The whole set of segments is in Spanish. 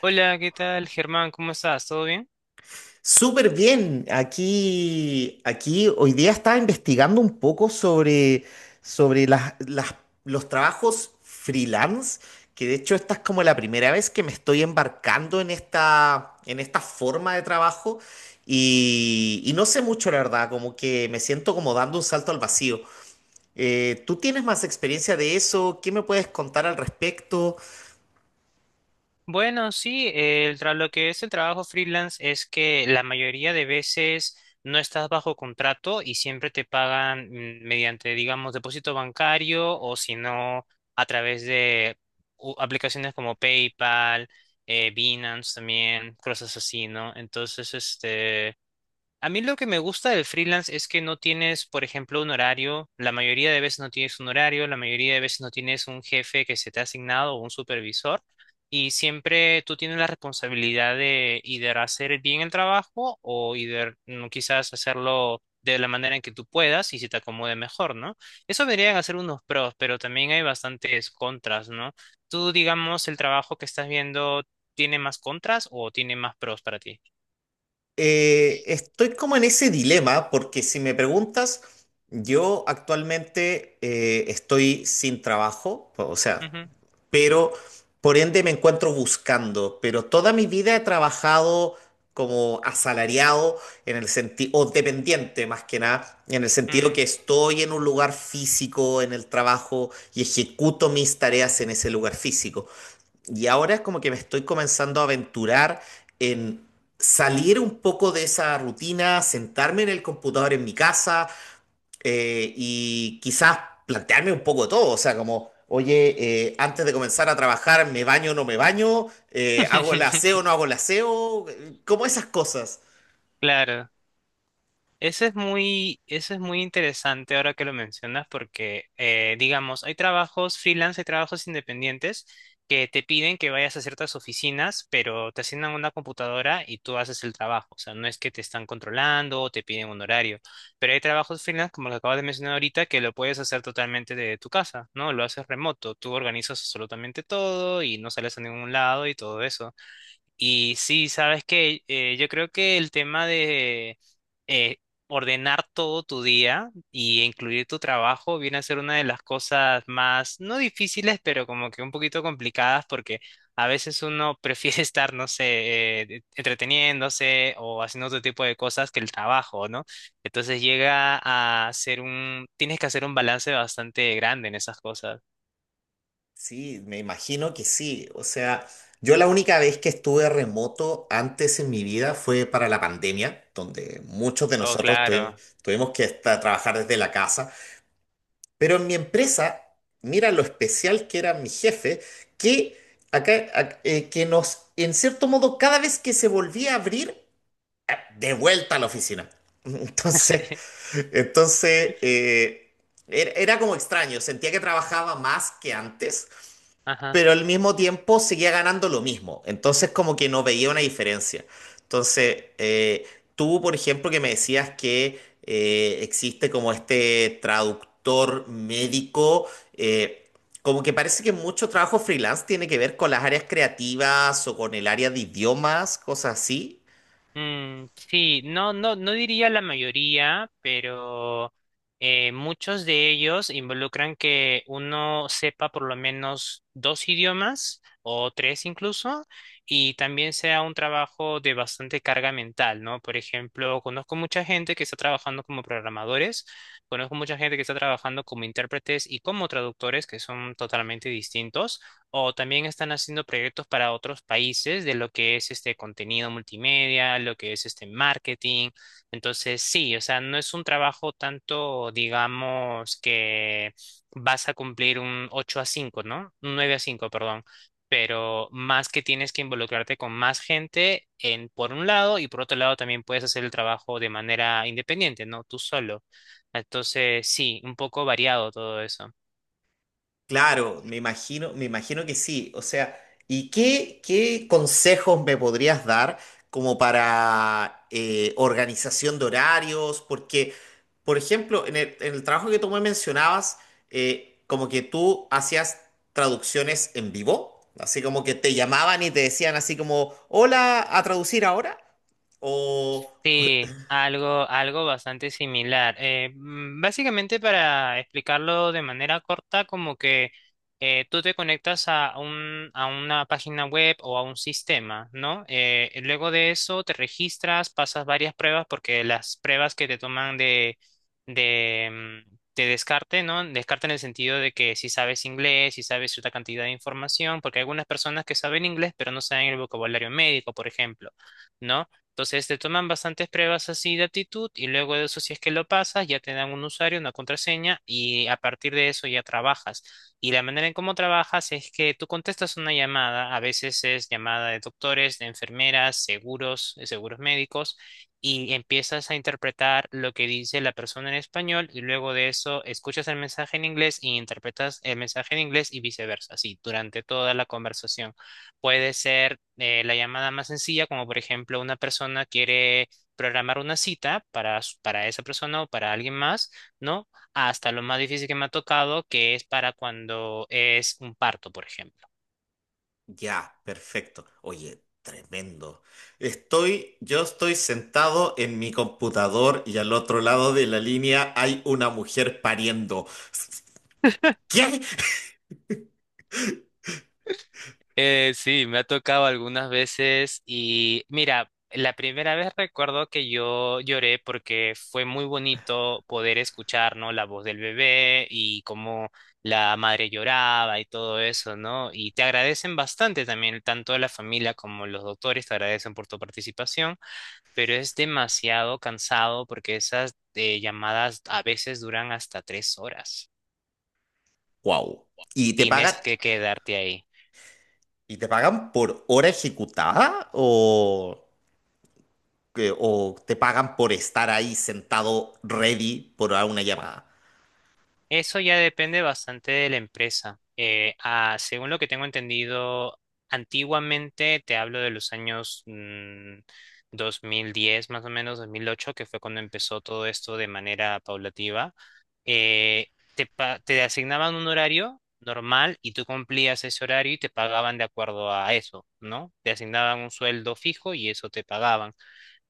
Hola, ¿qué tal, Germán? ¿Cómo estás? ¿Todo bien? Súper bien. Aquí hoy día estaba investigando un poco sobre los trabajos freelance, que de hecho esta es como la primera vez que me estoy embarcando en esta forma de trabajo y, no sé mucho, la verdad, como que me siento como dando un salto al vacío. ¿Tú tienes más experiencia de eso? ¿Qué me puedes contar al respecto? Bueno, sí, lo que es el trabajo freelance es que la mayoría de veces no estás bajo contrato y siempre te pagan mediante, digamos, depósito bancario o si no, a través de aplicaciones como PayPal, Binance también, cosas así, ¿no? Entonces, a mí lo que me gusta del freelance es que no tienes, por ejemplo, un horario. La mayoría de veces no tienes un horario, la mayoría de veces no tienes un jefe que se te ha asignado o un supervisor. Y siempre tú tienes la responsabilidad de either hacer bien el trabajo o either, quizás hacerlo de la manera en que tú puedas y se te acomode mejor, ¿no? Eso vendrían a ser unos pros, pero también hay bastantes contras, ¿no? Tú, digamos, el trabajo que estás viendo tiene más contras o tiene más pros para ti. Estoy como en ese dilema porque si me preguntas, yo actualmente estoy sin trabajo, o sea, Ujú, pero por ende me encuentro buscando, pero toda mi vida he trabajado como asalariado en el sentido, o dependiente más que nada, en el sentido que estoy en un lugar físico en el trabajo y ejecuto mis tareas en ese lugar físico. Y ahora es como que me estoy comenzando a aventurar en salir un poco de esa rutina, sentarme en el computador en mi casa y quizás plantearme un poco todo. O sea, como, oye, antes de comenzar a trabajar, ¿me baño o no me baño? ¿Hago el aseo mm. o no hago el aseo? Como esas cosas. Claro, eso es muy interesante ahora que lo mencionas porque, digamos, hay trabajos freelance, hay trabajos independientes que te piden que vayas a ciertas oficinas, pero te asignan una computadora y tú haces el trabajo. O sea, no es que te están controlando o te piden un horario, pero hay trabajos freelance, como lo acabas de mencionar ahorita, que lo puedes hacer totalmente de tu casa, ¿no? Lo haces remoto, tú organizas absolutamente todo y no sales a ningún lado y todo eso. Y sí, sabes que yo creo que el tema de eh, ordenar todo tu día y incluir tu trabajo viene a ser una de las cosas más, no difíciles, pero como que un poquito complicadas porque a veces uno prefiere estar, no sé, entreteniéndose o haciendo otro tipo de cosas que el trabajo, ¿no? Entonces llega a ser tienes que hacer un balance bastante grande en esas cosas. Sí, me imagino que sí. O sea, yo la única vez que estuve remoto antes en mi vida fue para la pandemia, donde muchos de Oh, nosotros claro. tuvimos que estar, trabajar desde la casa. Pero en mi empresa, mira lo especial que era mi jefe, que que nos, en cierto modo, cada vez que se volvía a abrir, de vuelta a la oficina. Entonces, entonces, era como extraño, sentía que trabajaba más que antes Ajá. pero al mismo tiempo seguía ganando lo mismo. Entonces como que no veía una diferencia. Entonces, tú, por ejemplo, que me decías que existe como este traductor médico, eh, como que parece que mucho trabajo freelance tiene que ver con las áreas creativas o con el área de idiomas, cosas así. Mm, sí, no, no, no diría la mayoría, pero muchos de ellos involucran que uno sepa por lo menos dos idiomas o tres incluso, y también sea un trabajo de bastante carga mental, ¿no? Por ejemplo, conozco mucha gente que está trabajando como programadores, conozco mucha gente que está trabajando como intérpretes y como traductores, que son totalmente distintos o también están haciendo proyectos para otros países de lo que es este contenido multimedia, lo que es este marketing. Entonces, sí, o sea, no es un trabajo tanto, digamos, que vas a cumplir un 8 a 5, ¿no? Un 9 a cinco, perdón. Pero más que tienes que involucrarte con más gente en, por un lado y por otro lado también puedes hacer el trabajo de manera independiente, ¿no? Tú solo. Entonces, sí, un poco variado todo eso. Claro, me imagino que sí. O sea, ¿y qué consejos me podrías dar como para organización de horarios? Porque, por ejemplo, en el trabajo que tú me mencionabas, como que tú hacías traducciones en vivo, así como que te llamaban y te decían así como, hola, a traducir ahora. O, Sí, algo, algo bastante similar. Básicamente, para explicarlo de manera corta, como que tú te conectas a un, a una página web o a un sistema, ¿no? Y luego de eso te registras, pasas varias pruebas, porque las pruebas que te toman de, de descarte, ¿no? Descarte en el sentido de que si sabes inglés, si sabes cierta cantidad de información, porque hay algunas personas que saben inglés, pero no saben el vocabulario médico, por ejemplo, ¿no? Entonces te toman bastantes pruebas así de actitud y luego de eso si es que lo pasas ya te dan un usuario, una contraseña y a partir de eso ya trabajas. Y la manera en cómo trabajas es que tú contestas una llamada, a veces es llamada de doctores, de enfermeras, seguros, seguros médicos y empiezas a interpretar lo que dice la persona en español y luego de eso escuchas el mensaje en inglés y interpretas el mensaje en inglés y viceversa, así durante toda la conversación. Puede ser la llamada más sencilla, como por ejemplo una persona quiere programar una cita para esa persona o para alguien más, ¿no? Hasta lo más difícil que me ha tocado, que es para cuando es un parto, por ejemplo. ya, perfecto. Oye, tremendo. Yo estoy sentado en mi computador y al otro lado de la línea hay una mujer pariendo. ¿Qué? Sí, me ha tocado algunas veces y mira, la primera vez recuerdo que yo lloré porque fue muy bonito poder escuchar, ¿no? La voz del bebé y cómo la madre lloraba y todo eso, ¿no? Y te agradecen bastante también, tanto la familia como los doctores te agradecen por tu participación, pero es demasiado cansado porque esas llamadas a veces duran hasta 3 horas. Wow. ¿Y Tienes que quedarte ahí. y te pagan por hora ejecutada o, o te pagan por estar ahí sentado ready por una llamada? Eso ya depende bastante de la empresa. Según lo que tengo entendido, antiguamente, te hablo de los años 2010, más o menos 2008, que fue cuando empezó todo esto de manera paulativa, eh, te asignaban un horario normal y tú cumplías ese horario y te pagaban de acuerdo a eso, ¿no? Te asignaban un sueldo fijo y eso te pagaban,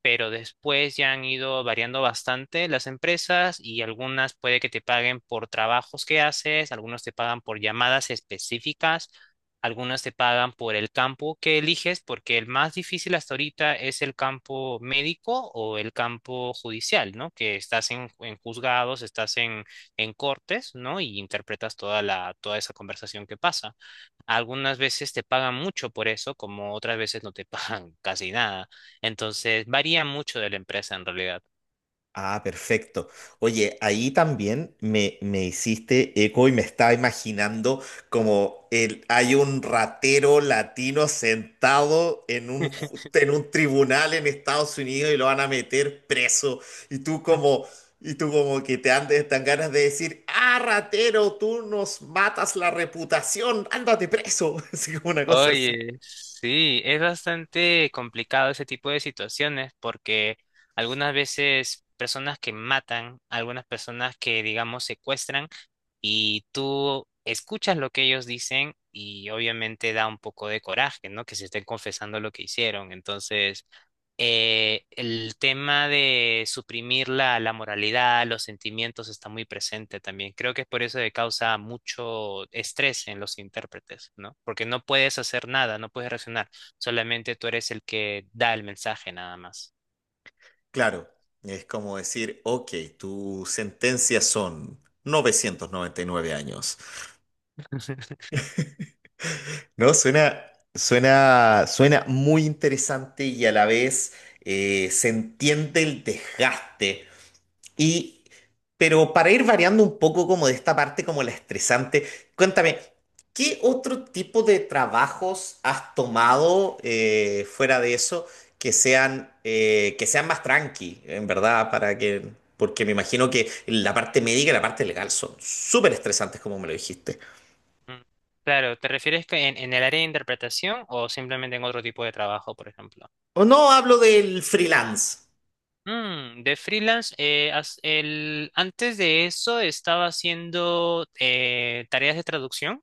pero después ya han ido variando bastante las empresas y algunas puede que te paguen por trabajos que haces, algunos te pagan por llamadas específicas, algunas te pagan por el campo que eliges, porque el más difícil hasta ahorita es el campo médico o el campo judicial, ¿no? Que estás en, juzgados, estás en, cortes, ¿no? Y interpretas toda la, toda esa conversación que pasa. Algunas veces te pagan mucho por eso, como otras veces no te pagan casi nada. Entonces, varía mucho de la empresa en realidad. Ah, perfecto. Oye, ahí también me hiciste eco y me estaba imaginando como el, hay un ratero latino sentado en un, en un tribunal en Estados Unidos y lo van a meter preso. Y tú como, y tú como que te andes tan ganas de decir, ah, ratero, tú nos matas la reputación, ándate preso. Así como una cosa así. Oye, sí, es bastante complicado ese tipo de situaciones porque algunas veces personas que matan, algunas personas que, digamos, secuestran, y tú escuchas lo que ellos dicen y obviamente da un poco de coraje, ¿no? Que se estén confesando lo que hicieron. Entonces, el tema de suprimir la moralidad, los sentimientos está muy presente también. Creo que es por eso que causa mucho estrés en los intérpretes, ¿no? Porque no puedes hacer nada, no puedes reaccionar, solamente tú eres el que da el mensaje nada más. Claro, es como decir, ok, tu sentencia son 999 años. No, suena muy interesante y a la vez se entiende el desgaste. Y, pero para ir variando un poco como de esta parte como la estresante, cuéntame, ¿qué otro tipo de trabajos has tomado fuera de eso que sean más tranqui, en verdad, para que, porque me imagino que la parte médica y la parte legal son súper estresantes, como me lo dijiste. Mm. Claro, ¿te refieres que en, el área de interpretación o simplemente en otro tipo de trabajo, por ejemplo? O no hablo del freelance. De freelance, antes de eso estaba haciendo tareas de traducción.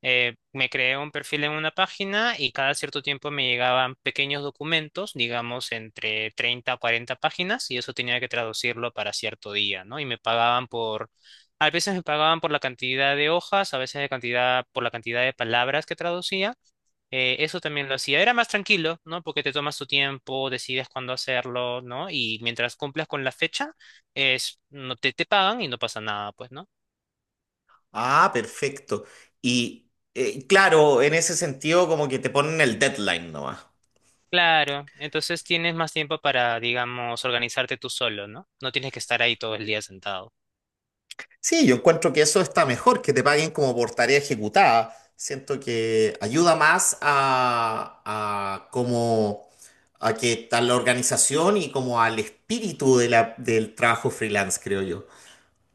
Me creé un perfil en una página y cada cierto tiempo me llegaban pequeños documentos, digamos entre 30 a 40 páginas, y eso tenía que traducirlo para cierto día, ¿no? Y me pagaban a veces me pagaban por la cantidad de hojas, a veces de cantidad, por la cantidad de palabras que traducía. Eso también lo hacía. Era más tranquilo, ¿no? Porque te tomas tu tiempo, decides cuándo hacerlo, ¿no? Y mientras cumplas con la fecha, no te pagan y no pasa nada, pues, ¿no? Ah, perfecto. Y claro, en ese sentido como que te ponen el deadline nomás. Claro, entonces tienes más tiempo para, digamos, organizarte tú solo, ¿no? No tienes que estar ahí todo el día sentado. Sí, yo encuentro que eso está mejor, que te paguen como por tarea ejecutada. Siento que ayuda más a como a que a la organización y como al espíritu de del trabajo freelance, creo yo.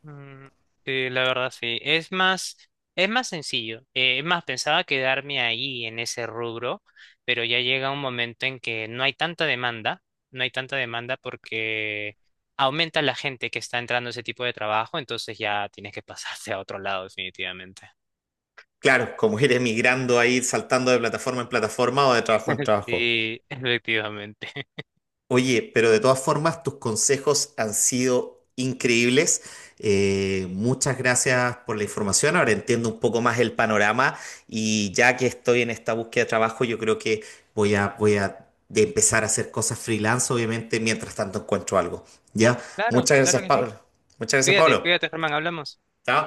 Mm, sí, la verdad sí. Es más sencillo. Es más, pensaba quedarme ahí en ese rubro, pero ya llega un momento en que no hay tanta demanda, no hay tanta demanda porque aumenta la gente que está entrando a ese tipo de trabajo, entonces ya tienes que pasarte a otro lado definitivamente. Claro, como ir emigrando ahí, saltando de plataforma en plataforma o de trabajo en trabajo. Sí, efectivamente. Oye, pero de todas formas, tus consejos han sido increíbles. Muchas gracias por la información. Ahora entiendo un poco más el panorama y ya que estoy en esta búsqueda de trabajo, yo creo que voy a de empezar a hacer cosas freelance, obviamente, mientras tanto encuentro algo. ¿Ya? Claro, Muchas gracias, claro que sí. Pablo. Muchas gracias, Cuídate, Pablo. cuídate, Germán, hablamos. Chao.